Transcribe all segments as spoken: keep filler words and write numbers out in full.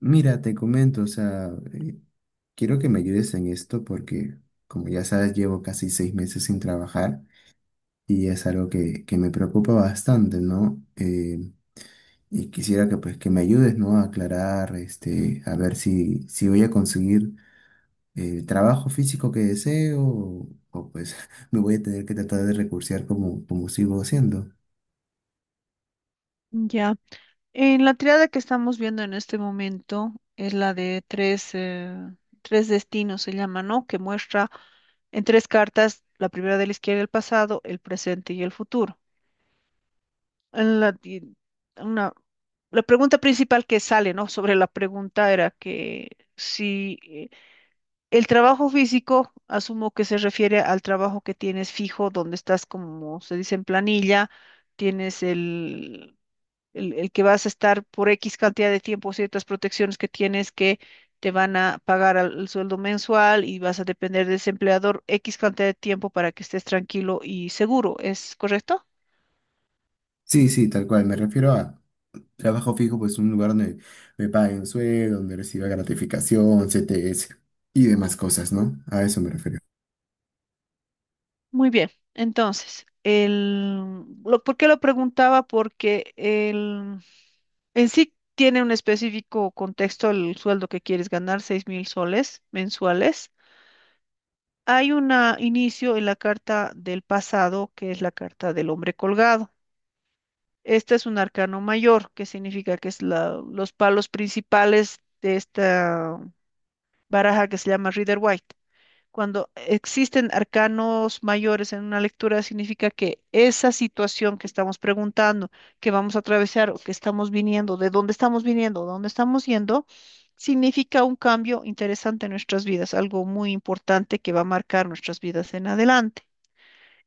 Mira, te comento, o sea, eh, quiero que me ayudes en esto porque, como ya sabes, llevo casi seis meses sin trabajar y es algo que, que me preocupa bastante, ¿no? Eh, y quisiera que, pues, que me ayudes, ¿no? A aclarar, este, a ver si, si voy a conseguir el trabajo físico que deseo o, o, pues me voy a tener que tratar de recursear como, como sigo haciendo. Ya. En la triada que estamos viendo en este momento es la de tres, eh, tres destinos, se llama, ¿no? que muestra en tres cartas, la primera de la izquierda, el pasado, el presente y el futuro. En la, y una, La pregunta principal que sale, ¿no? Sobre la pregunta era que si eh, el trabajo físico, asumo que se refiere al trabajo que tienes fijo, donde estás, como se dice en planilla, tienes el el, el que vas a estar por X cantidad de tiempo, ciertas protecciones que tienes que te van a pagar al- el sueldo mensual y vas a depender de ese empleador X cantidad de tiempo para que estés tranquilo y seguro, ¿es correcto? Sí, sí, tal cual, me refiero a... Trabajo fijo, pues un lugar donde me paguen sueldo, donde reciba gratificación, C T S y demás cosas, ¿no? A eso me refiero. Muy bien. Entonces, el, lo, ¿por qué lo preguntaba? Porque el, en sí tiene un específico contexto el sueldo que quieres ganar, seis mil soles mensuales. Hay un inicio en la carta del pasado, que es la carta del hombre colgado. Este es un arcano mayor, que significa que es la- los palos principales de esta baraja que se llama Rider White. Cuando existen arcanos mayores en una lectura, significa que esa situación que estamos preguntando, que vamos a atravesar o que estamos viniendo, de dónde estamos viniendo, dónde estamos yendo, significa un cambio interesante en nuestras vidas, algo muy importante que va a marcar nuestras vidas en adelante.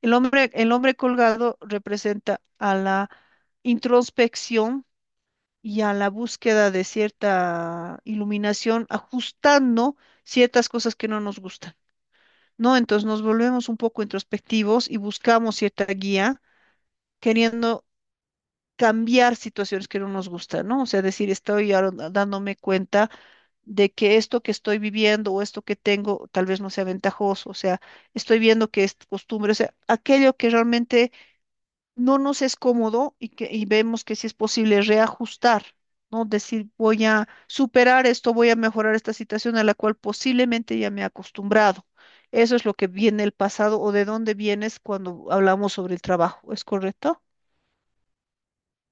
El hombre, el hombre colgado representa a la introspección y a la búsqueda de cierta iluminación, ajustando ciertas cosas que no nos gustan, ¿no? Entonces nos volvemos un poco introspectivos y buscamos cierta guía, queriendo cambiar situaciones que no nos gustan, ¿no? O sea, decir, estoy ahora dándome cuenta de que esto que estoy viviendo o esto que tengo tal vez no sea ventajoso, o sea, estoy viendo que es costumbre, o sea, aquello que realmente no nos es cómodo y, que, y vemos que si es posible reajustar, ¿no? Decir, voy a superar esto, voy a mejorar esta situación a la cual posiblemente ya me he acostumbrado. Eso es lo que viene el pasado o de dónde vienes cuando hablamos sobre el trabajo, ¿es correcto?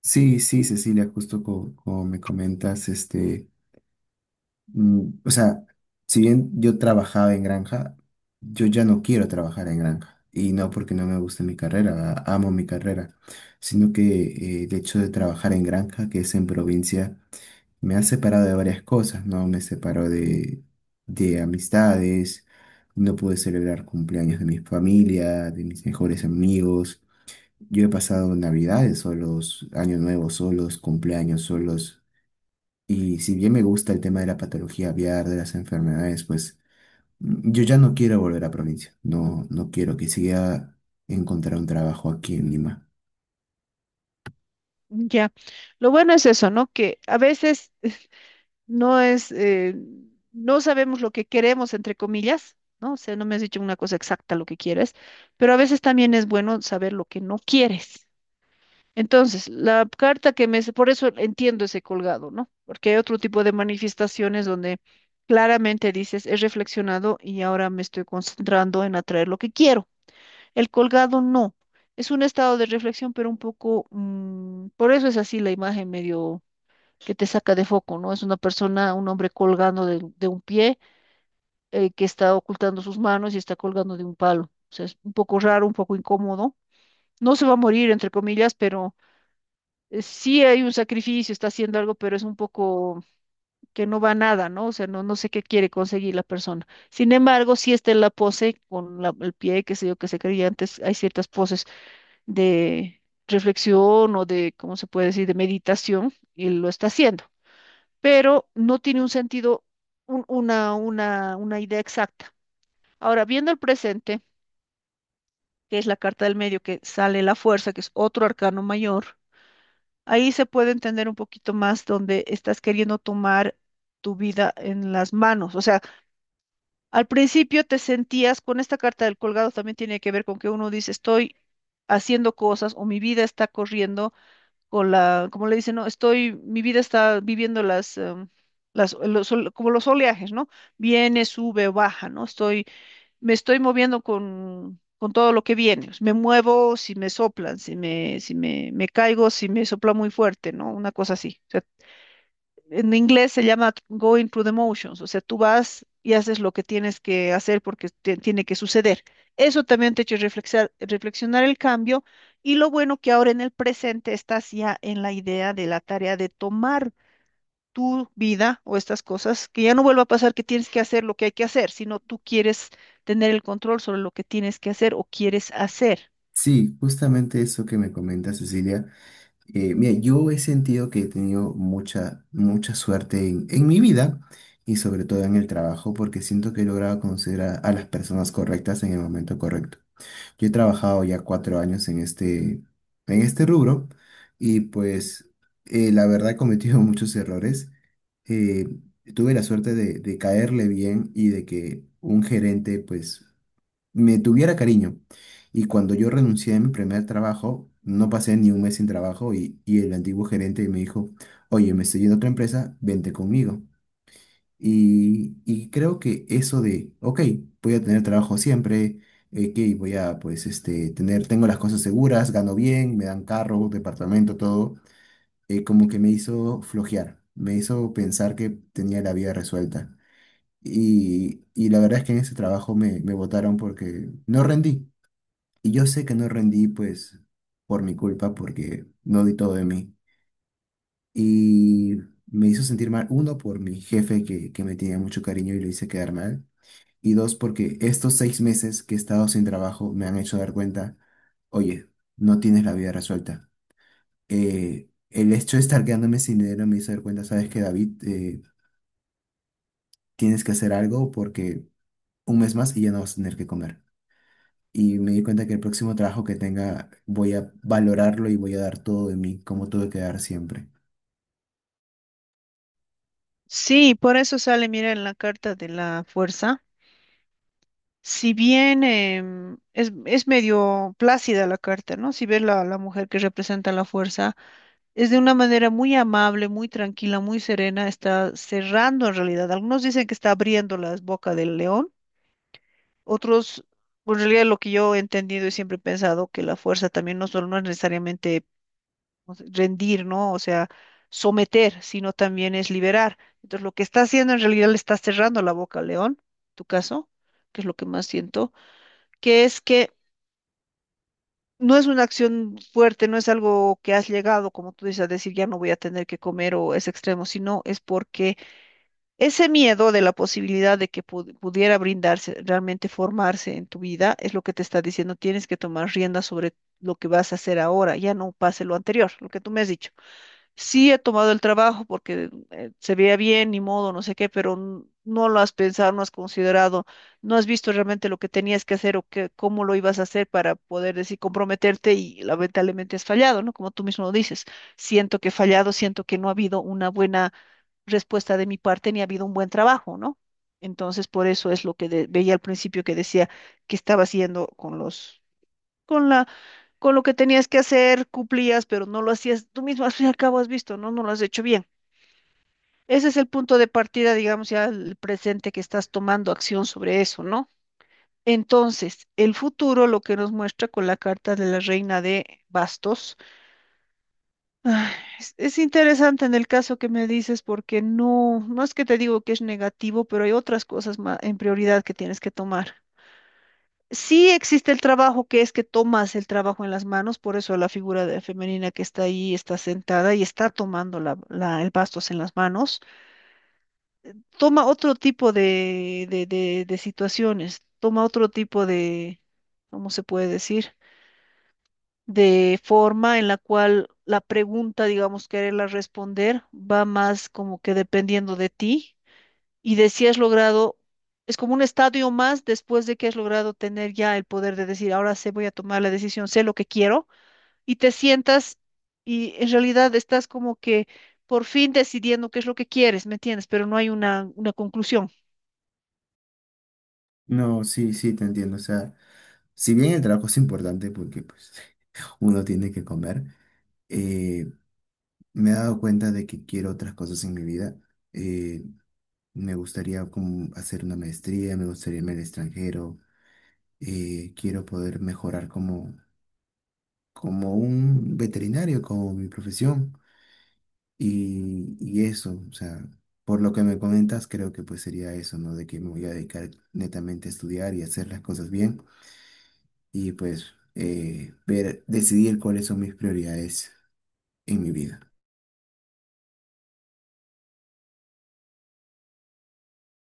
Sí, sí, Cecilia, justo co- como me comentas, este, mm, o sea, si bien yo trabajaba en granja, yo ya no quiero trabajar en granja. Y no porque no me guste mi carrera, a- amo mi carrera, sino que eh, el hecho de trabajar en granja, que es en provincia, me ha separado de varias cosas, ¿no? Me separó de, de amistades, no pude celebrar cumpleaños de mi familia, de mis mejores amigos. Yo he pasado navidades solos, años nuevos solos, cumpleaños solos. Y si bien me gusta el tema de la patología aviar, de las enfermedades, pues mm, yo ya no quiero volver a provincia. No, no quiero que siga encontrar un trabajo aquí en Lima. Ya. Lo bueno es eso, ¿no? Que a veces no es, eh, no sabemos lo que queremos, entre comillas, ¿no? O sea, no me has dicho una cosa exacta lo que quieres, pero a veces también es bueno saber lo que no quieres. Entonces, la carta que me. Por eso entiendo ese colgado, ¿no? Porque hay otro tipo de manifestaciones donde claramente dices, he reflexionado y ahora me estoy concentrando en atraer lo que quiero. El colgado no. Es un estado de reflexión, pero un poco, mm, por eso es así la imagen medio que te saca de foco, ¿no? Es una persona, un hombre colgando de, de un pie, eh, que está ocultando sus manos y está colgando de un palo. O sea, es un poco raro, un poco incómodo. No se va a morir, entre comillas, pero eh, sí hay un sacrificio, está haciendo algo, pero es un poco que no va a nada, ¿no? O sea, no, no sé qué quiere conseguir la persona. Sin embargo, sí está en la pose con la- el pie, qué sé yo, que se creía antes, hay ciertas poses de reflexión o de, ¿cómo se puede decir?, de meditación, y lo está haciendo, pero no tiene un sentido, un- una, una, una idea exacta. Ahora, viendo el presente, que es la carta del medio que sale la fuerza, que es otro arcano mayor. Ahí se puede entender un poquito más donde estás queriendo tomar tu vida en las manos. O sea, al principio te sentías con esta carta del colgado, también tiene que ver con que uno dice, estoy haciendo cosas o mi vida está corriendo con la, como le dicen, no, estoy, mi vida está viviendo las, em, las, los, ol- como los oleajes, ¿no? Viene, sube, baja, ¿no? Estoy me estoy moviendo con, con todo lo que viene. Me muevo si me soplan, si me, si me, me caigo, si me sopla muy fuerte, ¿no? Una cosa así. O sea, en inglés se llama going through the motions, o sea, tú vas y haces lo que tienes que hacer porque te- tiene que suceder. Eso también te ha hecho reflexar- reflexionar el cambio y lo bueno que ahora en el presente estás ya en la idea de la tarea de tomar tu vida o estas cosas, que ya no vuelva a pasar que tienes que hacer lo que hay que hacer, sino tú quieres tener el control sobre lo que tienes que hacer o quieres hacer. Sí, justamente eso que me comenta Cecilia. Eh, mira, yo he sentido que he tenido mucha, mucha suerte en, en mi vida y sobre todo en el trabajo porque siento que he logrado conocer a, a las personas correctas en el momento correcto. Yo he trabajado ya cuatro años en este, en este rubro y pues eh, la verdad he cometido muchos errores. Eh, tuve la suerte de, de caerle bien y de que un gerente pues me tuviera cariño. Y cuando yo renuncié a mi primer trabajo, no pasé ni un mes sin trabajo y, y el antiguo gerente me dijo, oye, me estoy yendo a otra empresa, vente conmigo. Y, y creo que eso de, ok, voy a tener trabajo siempre, eh, que voy a, pues, este, tener, tengo las cosas seguras, gano bien, me dan carro, departamento, todo, eh, como que me hizo flojear, me hizo pensar que tenía la vida resuelta. Y, y la verdad es que en ese trabajo me, me botaron porque no rendí. Y yo sé que no rendí, pues, por mi culpa, porque no di todo de mí. Y me hizo sentir mal, uno, por mi jefe que, que me tenía mucho cariño y lo hice quedar mal. Y dos, porque estos seis meses que he estado sin trabajo me han hecho dar cuenta, oye, no tienes la vida resuelta. Eh, el hecho de estar quedándome sin dinero me hizo dar cuenta, sabes que David, Eh, tienes que hacer algo porque un mes más y ya no vas a tener que comer. Y me di cuenta que el próximo trabajo que tenga voy a valorarlo y voy a dar todo de mí, como tuve que dar siempre. Sí, por eso sale, mira, en la carta de la fuerza. Si bien em, es, es medio plácida la carta, ¿no? Si ves la, la mujer que representa la fuerza, es de una manera muy amable, muy tranquila, muy serena, está cerrando en realidad. Algunos dicen que está abriendo las bocas del león. Otros, pues, en realidad lo que yo he entendido y siempre he pensado que la fuerza también no solo no es necesariamente no sé, rendir, ¿no? O sea, someter, sino también es liberar. Entonces, lo que está haciendo en realidad le está cerrando la boca al león, tu caso, que es lo que más siento, que es que no es una acción fuerte, no es algo que has llegado, como tú dices, a decir ya no voy a tener que comer o es extremo, sino es porque ese miedo de la posibilidad de que pu- pudiera brindarse, realmente formarse en tu vida, es lo que te está diciendo, tienes que tomar rienda sobre lo que vas a hacer ahora, ya no pase lo anterior, lo que tú me has dicho. Sí he tomado el trabajo porque eh, se veía bien, ni modo, no sé qué, pero n- no lo has pensado, no has considerado, no has visto realmente lo que tenías que hacer o que, cómo lo ibas a hacer para poder decir, comprometerte y lamentablemente has fallado, ¿no? Como tú mismo lo dices, siento que he fallado, siento que no ha habido una buena respuesta de mi parte ni ha habido un buen trabajo, ¿no? Entonces, por eso es lo que de- veía al principio que decía que estaba haciendo con los, con la, con lo que tenías que hacer, cumplías, pero no lo hacías tú mismo, al fin y al cabo has visto, ¿no? No lo has hecho bien. Ese es el punto de partida, digamos, ya el presente que estás tomando acción sobre eso, ¿no? Entonces, el futuro, lo que nos muestra con la carta de la reina de bastos. Ay. Es, es interesante en el caso que me dices porque no, no es que te digo que es negativo, pero hay otras cosas ma- en prioridad que tienes que tomar. Sí existe el trabajo que es que tomas el trabajo en las manos, por eso la figura de- femenina que está ahí está sentada y está tomando la, la- el bastos en las manos, toma otro tipo de, de, de de situaciones, toma otro tipo de, ¿cómo se puede decir? De forma en la cual la pregunta, digamos, quererla responder va más como que dependiendo de ti y de si has logrado, es como un estadio más después de que has logrado tener ya el poder de decir, ahora sé, voy a tomar la decisión, sé lo que quiero y te sientas y en realidad estás como que por fin decidiendo qué es lo que quieres, ¿me entiendes? Pero no hay una, una conclusión. No, sí, sí, te entiendo. O sea, si bien el trabajo es importante porque pues uno tiene que comer, eh, me he dado cuenta de que quiero otras cosas en mi vida. Eh, me gustaría como hacer una maestría, me gustaría irme al extranjero. Eh, quiero poder mejorar como, como un veterinario, como mi profesión. Y, y eso, o sea, por lo que me comentas, creo que pues sería eso, ¿no? De que me voy a dedicar netamente a estudiar y hacer las cosas bien y pues eh, ver, decidir cuáles son mis prioridades en mi vida.